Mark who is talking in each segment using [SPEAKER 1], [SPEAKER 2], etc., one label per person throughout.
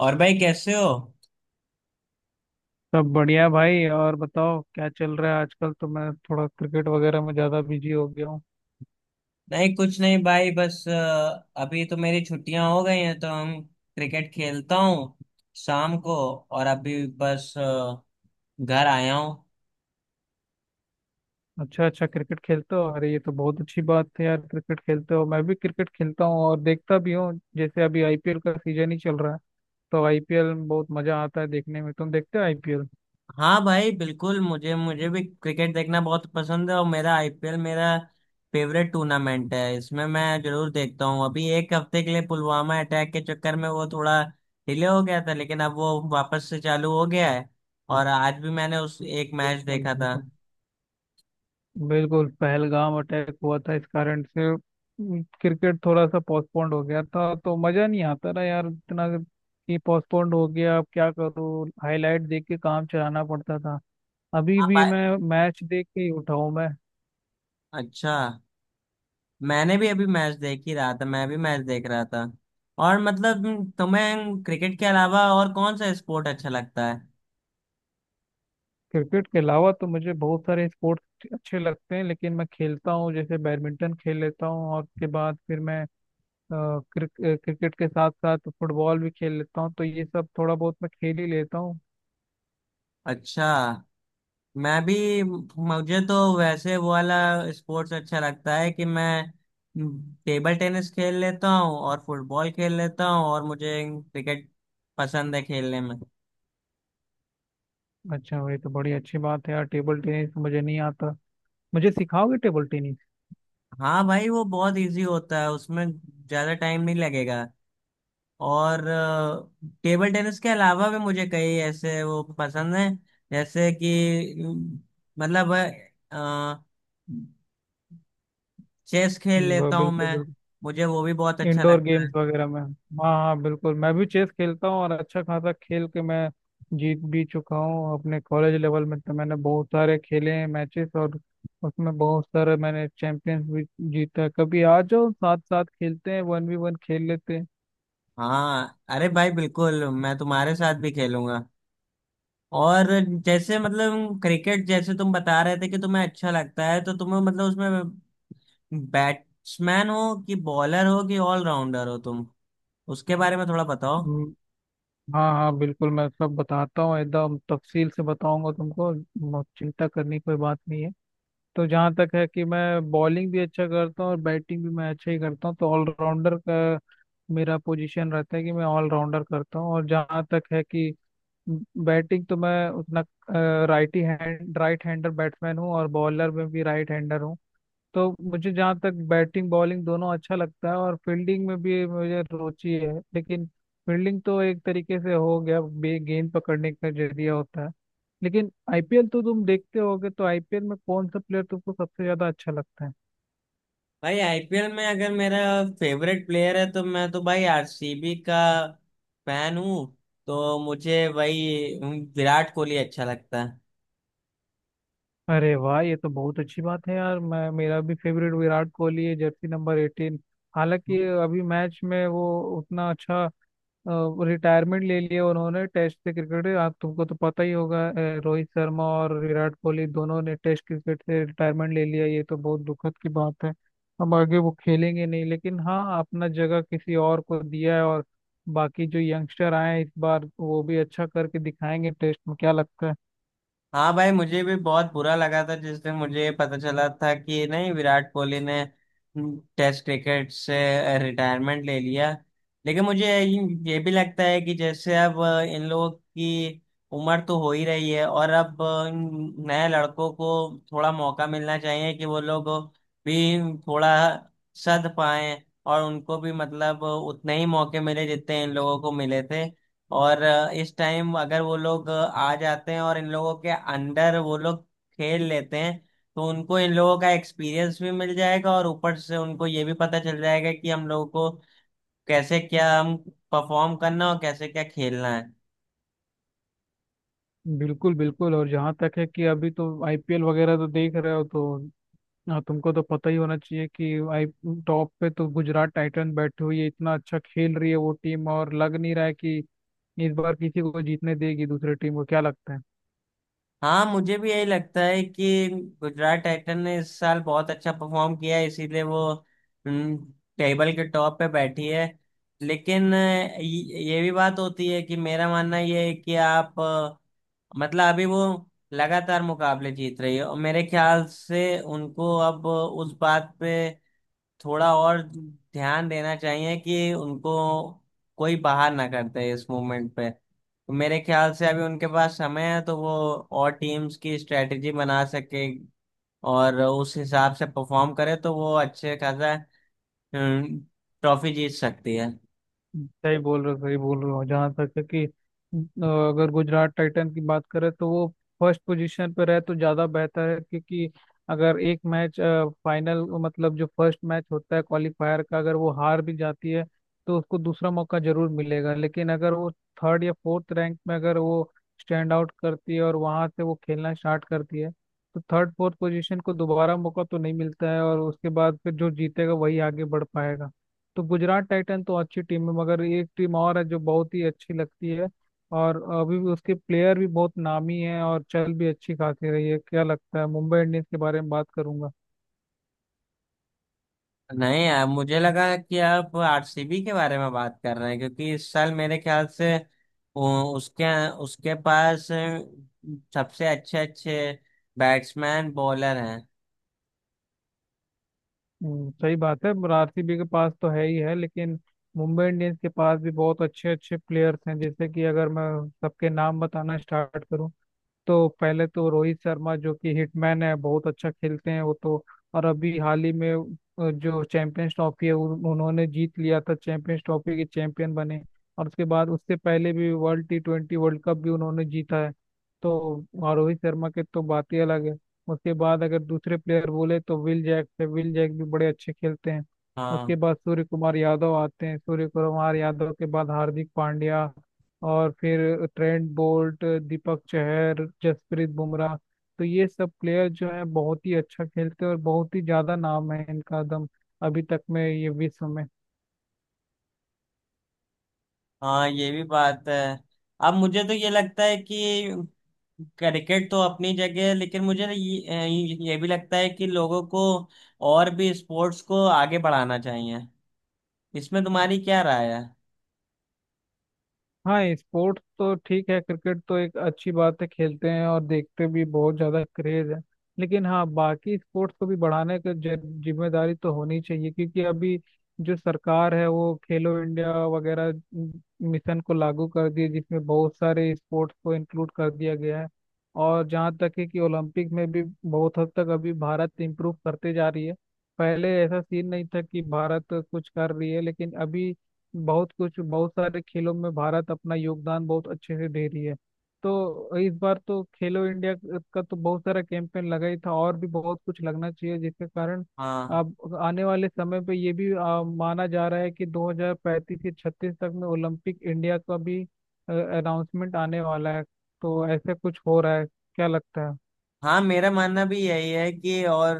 [SPEAKER 1] और भाई कैसे हो।
[SPEAKER 2] सब बढ़िया भाई। और बताओ क्या चल रहा है आजकल। तो मैं थोड़ा क्रिकेट वगैरह में ज्यादा बिजी हो गया हूँ।
[SPEAKER 1] नहीं कुछ नहीं भाई बस अभी तो मेरी छुट्टियां हो गई हैं तो हम क्रिकेट खेलता हूँ शाम को। और अभी बस घर आया हूँ।
[SPEAKER 2] अच्छा अच्छा क्रिकेट खेलते हो। अरे ये तो बहुत अच्छी बात है यार। क्रिकेट खेलते हो, मैं भी क्रिकेट खेलता हूँ और देखता भी हूँ। जैसे अभी आईपीएल का सीजन ही चल रहा है तो आईपीएल में बहुत मजा आता है देखने में। तुम देखते हो आईपीएल?
[SPEAKER 1] हाँ भाई बिल्कुल, मुझे मुझे भी क्रिकेट देखना बहुत पसंद है और मेरा आईपीएल मेरा फेवरेट टूर्नामेंट है, इसमें मैं जरूर देखता हूँ। अभी एक हफ्ते के लिए पुलवामा अटैक के चक्कर में वो थोड़ा डिले हो गया था, लेकिन अब वो वापस से चालू हो गया है। और आज भी मैंने उस एक मैच
[SPEAKER 2] बिल्कुल
[SPEAKER 1] देखा था।
[SPEAKER 2] बिल्कुल। बिल्कुल पहलगाम अटैक हुआ था, इस कारण से क्रिकेट थोड़ा सा पोस्टपोन्ड हो गया था। तो मजा नहीं आता ना यार इतना, कि पोस्टपोन्ड हो गया अब क्या करूँ, हाईलाइट देख के काम चलाना पड़ता था। अभी
[SPEAKER 1] हाँ
[SPEAKER 2] भी
[SPEAKER 1] भाई।
[SPEAKER 2] मैं मैच देख के ही उठा हूं मैं।
[SPEAKER 1] अच्छा। मैंने भी अभी मैच देख ही रहा था, मैं भी मैच देख रहा था। और मतलब तुम्हें क्रिकेट के अलावा और कौन सा स्पोर्ट अच्छा लगता है।
[SPEAKER 2] क्रिकेट के अलावा तो मुझे बहुत सारे स्पोर्ट्स अच्छे लगते हैं, लेकिन मैं खेलता हूँ जैसे बैडमिंटन खेल लेता हूँ। और उसके बाद फिर मैं अ, क्रिकेट के साथ साथ फुटबॉल भी खेल लेता हूँ। तो ये सब थोड़ा बहुत मैं खेल ही लेता हूँ।
[SPEAKER 1] अच्छा। मैं भी, मुझे तो वैसे वो वाला स्पोर्ट्स अच्छा लगता है कि मैं टेबल टेनिस खेल लेता हूँ और फुटबॉल खेल लेता हूँ, और मुझे क्रिकेट पसंद है खेलने में।
[SPEAKER 2] अच्छा ये तो बड़ी अच्छी बात है यार। टेबल टेनिस मुझे नहीं आता, मुझे सिखाओगे टेबल टेनिस?
[SPEAKER 1] हाँ भाई, वो बहुत इजी होता है, उसमें ज्यादा टाइम नहीं लगेगा। और टेबल टेनिस के अलावा भी मुझे कई ऐसे वो पसंद हैं, जैसे कि मतलब, चेस खेल लेता हूँ
[SPEAKER 2] बिल्कुल
[SPEAKER 1] मैं।
[SPEAKER 2] बिल्कुल।
[SPEAKER 1] मुझे वो भी बहुत अच्छा
[SPEAKER 2] इंडोर
[SPEAKER 1] लगता है।
[SPEAKER 2] गेम्स वगैरह में हाँ हाँ बिल्कुल मैं भी चेस खेलता हूँ, और अच्छा खासा खेल के मैं जीत भी चुका हूँ अपने कॉलेज लेवल में। तो मैंने बहुत सारे खेले हैं मैचेस, और उसमें बहुत सारे मैंने चैंपियंस भी जीता है। कभी आ जाओ साथ साथ खेलते हैं, वन वी वन खेल लेते हैं।
[SPEAKER 1] हाँ अरे भाई बिल्कुल, मैं तुम्हारे साथ भी खेलूंगा। और जैसे मतलब क्रिकेट, जैसे तुम बता रहे थे कि तुम्हें अच्छा लगता है, तो तुम्हें मतलब उसमें बैट्समैन हो कि बॉलर हो कि ऑलराउंडर हो तुम, उसके बारे में थोड़ा बताओ।
[SPEAKER 2] हम्म। हाँ हाँ बिल्कुल मैं सब बताता हूँ, एकदम तफसील से बताऊंगा तुमको, चिंता करने की कोई बात नहीं है। तो जहाँ तक है कि मैं बॉलिंग भी अच्छा करता हूँ और बैटिंग भी मैं अच्छा ही करता हूँ। तो ऑलराउंडर का मेरा पोजीशन रहता है कि मैं ऑलराउंडर करता हूँ। और जहाँ तक है कि बैटिंग तो मैं उतना righty hand right hander batsman हूँ, और बॉलर में भी राइट हैंडर हूँ। तो मुझे जहाँ तक बैटिंग बॉलिंग दोनों अच्छा लगता है, और फील्डिंग में भी मुझे रुचि है। लेकिन फील्डिंग तो एक तरीके से हो गया बे, गेंद पकड़ने का जरिया होता है। लेकिन आईपीएल तो तुम देखते होगे, तो आईपीएल में कौन सा प्लेयर तुमको सबसे ज्यादा अच्छा लगता है?
[SPEAKER 1] भाई आईपीएल में अगर मेरा फेवरेट प्लेयर है तो मैं तो भाई आरसीबी का फैन हूँ। तो मुझे भाई विराट कोहली अच्छा लगता है।
[SPEAKER 2] अरे वाह ये तो बहुत अच्छी बात है यार। मैं मेरा भी फेवरेट विराट कोहली है, जर्सी नंबर एटीन। हालांकि अभी मैच में वो उतना अच्छा, रिटायरमेंट ले लिए उन्होंने टेस्ट से क्रिकेट। आप तुमको तो पता ही होगा रोहित शर्मा और विराट कोहली दोनों ने टेस्ट क्रिकेट से रिटायरमेंट ले लिया। ये तो बहुत दुखद की बात है, अब आगे वो खेलेंगे नहीं। लेकिन हाँ अपना जगह किसी और को दिया है, और बाकी जो यंगस्टर आए हैं इस बार वो भी अच्छा करके दिखाएंगे टेस्ट में, क्या लगता है?
[SPEAKER 1] हाँ भाई, मुझे भी बहुत बुरा लगा था जिस दिन मुझे पता चला था कि नहीं, विराट कोहली ने टेस्ट क्रिकेट से रिटायरमेंट ले लिया। लेकिन मुझे ये भी लगता है कि जैसे अब इन लोगों की उम्र तो हो ही रही है, और अब इन नए लड़कों को थोड़ा मौका मिलना चाहिए कि वो लोग भी थोड़ा सध पाएं, और उनको भी मतलब उतने ही मौके मिले जितने इन लोगों को मिले थे। और इस टाइम अगर वो लोग आ जाते हैं और इन लोगों के अंडर वो लोग खेल लेते हैं, तो उनको इन लोगों का एक्सपीरियंस भी मिल जाएगा, और ऊपर से उनको ये भी पता चल जाएगा कि हम लोगों को कैसे क्या हम परफॉर्म करना और कैसे क्या खेलना है।
[SPEAKER 2] बिल्कुल बिल्कुल। और जहाँ तक है कि अभी तो आईपीएल वगैरह तो देख रहे हो तो हाँ तुमको तो पता ही होना चाहिए कि आई, टॉप पे तो गुजरात टाइटन बैठी हुई है, इतना अच्छा खेल रही है वो टीम। और लग नहीं रहा है कि इस बार किसी को जीतने देगी दूसरी टीम को, क्या लगता है?
[SPEAKER 1] हाँ मुझे भी यही लगता है कि गुजरात टाइटन ने इस साल बहुत अच्छा परफॉर्म किया है, इसीलिए वो टेबल के टॉप पे बैठी है। लेकिन ये भी बात होती है कि मेरा मानना ये है कि आप, मतलब अभी वो लगातार मुकाबले जीत रही है, और मेरे ख्याल से उनको अब उस बात पे थोड़ा और ध्यान देना चाहिए कि उनको कोई बाहर ना करते इस मूवमेंट पे। तो मेरे ख्याल से अभी उनके पास समय है, तो वो और टीम्स की स्ट्रेटेजी बना सके और उस हिसाब से परफॉर्म करे, तो वो अच्छे खासा हम्म, ट्रॉफी जीत सकती है।
[SPEAKER 2] सही बोल रहे हो, सही बोल रहे हो। जहाँ तक है कि अगर गुजरात टाइटन की बात करें तो वो फर्स्ट पोजीशन पर रहे तो ज़्यादा बेहतर है। क्योंकि अगर एक मैच, फाइनल मतलब जो फर्स्ट मैच होता है क्वालिफायर का, अगर वो हार भी जाती है तो उसको दूसरा मौका जरूर मिलेगा। लेकिन अगर वो थर्ड या फोर्थ रैंक में अगर वो स्टैंड आउट करती है और वहाँ से वो खेलना स्टार्ट करती है, तो थर्ड फोर्थ पोजीशन को दोबारा मौका तो नहीं मिलता है। और उसके बाद फिर जो जीतेगा वही आगे बढ़ पाएगा। तो गुजरात टाइटन तो अच्छी टीम है, मगर एक टीम और है जो बहुत ही अच्छी लगती है। और अभी भी उसके प्लेयर भी बहुत नामी हैं और चल भी अच्छी खासी रही है। क्या लगता है, मुंबई इंडियंस के बारे में बात करूंगा।
[SPEAKER 1] नहीं यार, मुझे लगा कि आप आरसीबी के बारे में बात कर रहे हैं, क्योंकि इस साल मेरे ख्याल से उसके उसके पास सबसे अच्छे अच्छे बैट्समैन बॉलर हैं।
[SPEAKER 2] हम्म। सही बात है, आरसीबी के पास तो है ही है लेकिन मुंबई इंडियंस के पास भी बहुत अच्छे अच्छे प्लेयर्स हैं। जैसे कि अगर मैं सबके नाम बताना स्टार्ट करूं तो पहले तो रोहित शर्मा, जो कि हिटमैन है, बहुत अच्छा खेलते हैं वो तो। और अभी हाल ही में जो चैंपियंस ट्रॉफी है उन्होंने जीत लिया था, चैंपियंस ट्रॉफी के चैंपियन बने। और उसके बाद, उससे पहले भी world T twenty world cup भी उन्होंने जीता है। तो और रोहित शर्मा के तो बात ही अलग है। उसके बाद अगर दूसरे प्लेयर बोले तो विल जैक है, विल जैक भी बड़े अच्छे खेलते हैं।
[SPEAKER 1] हाँ
[SPEAKER 2] उसके बाद सूर्य कुमार यादव आते हैं, सूर्य कुमार यादव के बाद हार्दिक पांड्या। और फिर ट्रेंट बोल्ट, दीपक चहर, जसप्रीत बुमराह। तो ये सब प्लेयर जो है बहुत ही अच्छा खेलते हैं और बहुत ही ज्यादा नाम है इनका दम अभी तक में ये विश्व में।
[SPEAKER 1] हाँ, ये भी बात है। अब मुझे तो ये लगता है कि क्रिकेट तो अपनी जगह है, लेकिन मुझे ये भी लगता है कि लोगों को और भी स्पोर्ट्स को आगे बढ़ाना चाहिए। इसमें तुम्हारी क्या राय है।
[SPEAKER 2] हाँ स्पोर्ट्स तो ठीक है, क्रिकेट तो एक अच्छी बात है, खेलते हैं और देखते भी, बहुत ज़्यादा क्रेज है। लेकिन हाँ बाकी स्पोर्ट्स को भी बढ़ाने की जिम्मेदारी तो होनी चाहिए। क्योंकि अभी जो सरकार है वो खेलो इंडिया वगैरह मिशन को लागू कर दिए, जिसमें बहुत सारे स्पोर्ट्स को इंक्लूड कर दिया गया है। और जहाँ तक है कि ओलंपिक में भी बहुत हद तक अभी भारत इम्प्रूव करते जा रही है। पहले ऐसा सीन नहीं था कि भारत कुछ कर रही है, लेकिन अभी बहुत कुछ, बहुत सारे खेलों में भारत अपना योगदान बहुत अच्छे से दे रही है। तो इस बार तो खेलो इंडिया का तो बहुत सारा कैंपेन लगा ही था, और भी बहुत कुछ लगना चाहिए जिसके कारण
[SPEAKER 1] हाँ
[SPEAKER 2] अब आने वाले समय पे ये भी माना जा रहा है कि 2035 से 36 तक में ओलंपिक इंडिया का भी अनाउंसमेंट आने वाला है। तो ऐसे कुछ हो रहा है, क्या लगता है?
[SPEAKER 1] हाँ, मेरा मानना भी यही है कि, और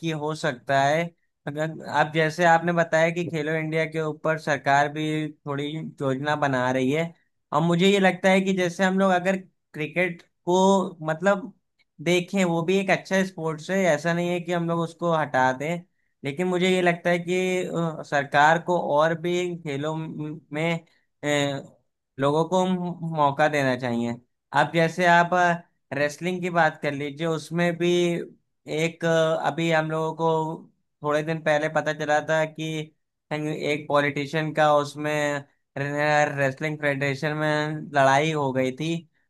[SPEAKER 1] कि हो सकता है अगर आप, जैसे आपने बताया कि खेलो इंडिया के ऊपर सरकार भी थोड़ी योजना बना रही है। और मुझे ये लगता है कि जैसे हम लोग अगर क्रिकेट को मतलब देखें, वो भी एक अच्छा स्पोर्ट्स है, ऐसा नहीं है कि हम लोग उसको हटा दें। लेकिन मुझे ये लगता है कि सरकार को और भी खेलों में अ, लोगों को मौका देना चाहिए। अब जैसे आप रेसलिंग की बात कर लीजिए, उसमें भी एक अभी हम लोगों को थोड़े दिन पहले पता चला था कि एक पॉलिटिशियन का उसमें रेसलिंग फेडरेशन में लड़ाई हो गई थी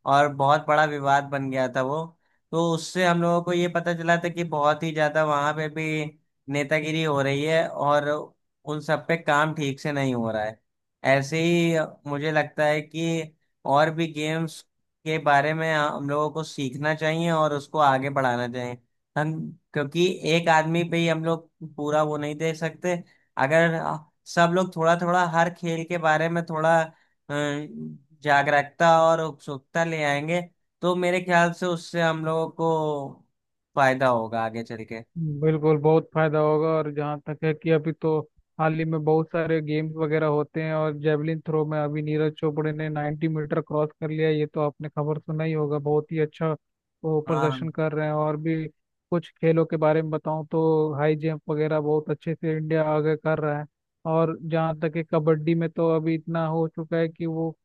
[SPEAKER 1] और बहुत बड़ा विवाद बन गया था वो। तो उससे हम लोगों को ये पता चला था कि बहुत ही ज्यादा वहां पे भी नेतागिरी हो रही है, और उन सब पे काम ठीक से नहीं हो रहा है। ऐसे ही मुझे लगता है कि और भी गेम्स के बारे में हम लोगों को सीखना चाहिए और उसको आगे बढ़ाना चाहिए हम, क्योंकि एक आदमी पे ही हम लोग पूरा वो नहीं दे सकते। अगर सब लोग थोड़ा थोड़ा हर खेल के बारे में थोड़ा जागरूकता और उत्सुकता ले आएंगे, तो मेरे ख्याल से उससे हम लोगों को फायदा होगा आगे चल के।
[SPEAKER 2] बिल्कुल बहुत फायदा होगा। और जहाँ तक है कि अभी तो हाल ही में बहुत सारे गेम्स वगैरह होते हैं, और जेवलिन थ्रो में अभी नीरज चोपड़े ने 90 मीटर क्रॉस कर लिया, ये तो आपने खबर सुना ही होगा। बहुत ही अच्छा वो
[SPEAKER 1] हाँ
[SPEAKER 2] प्रदर्शन कर रहे हैं। और भी कुछ खेलों के बारे में बताऊं तो हाई जंप वगैरह बहुत अच्छे से इंडिया आगे कर रहा है। और जहाँ तक है कबड्डी में तो अभी इतना हो चुका है कि वो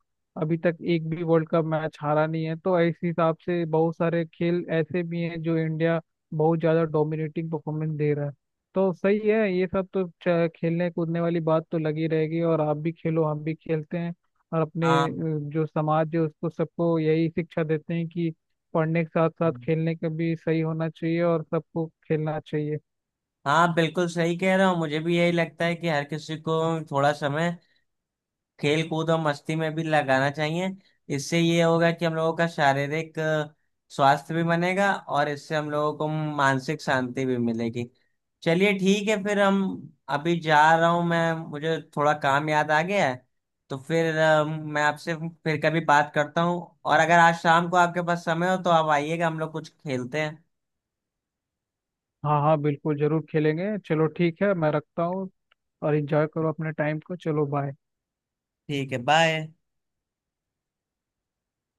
[SPEAKER 2] अभी तक एक भी वर्ल्ड कप मैच हारा नहीं है। तो इस हिसाब से बहुत सारे खेल ऐसे भी हैं जो इंडिया बहुत ज़्यादा डोमिनेटिंग परफॉर्मेंस दे रहा है। तो सही है, ये सब तो खेलने कूदने वाली बात तो लगी रहेगी। और आप भी खेलो, हम भी खेलते हैं और अपने
[SPEAKER 1] हाँ।
[SPEAKER 2] जो समाज है उसको सबको यही शिक्षा देते हैं कि पढ़ने के साथ साथ खेलने का भी सही होना चाहिए और सबको खेलना चाहिए।
[SPEAKER 1] हाँ बिल्कुल सही कह रहा हूँ, मुझे भी यही लगता है कि हर किसी को थोड़ा समय खेल कूद और मस्ती में भी लगाना चाहिए। इससे ये होगा कि हम लोगों का शारीरिक स्वास्थ्य भी बनेगा, और इससे हम लोगों को मानसिक शांति भी मिलेगी। चलिए ठीक है, फिर हम, अभी जा रहा हूँ मैं, मुझे थोड़ा काम याद आ गया है। तो फिर मैं आपसे फिर कभी बात करता हूँ, और अगर आज शाम को आपके पास समय हो तो आप आइएगा, हम लोग कुछ खेलते हैं।
[SPEAKER 2] हाँ हाँ बिल्कुल जरूर खेलेंगे। चलो ठीक है मैं रखता हूँ, और इंजॉय करो अपने टाइम को। चलो बाय।
[SPEAKER 1] ठीक है बाय।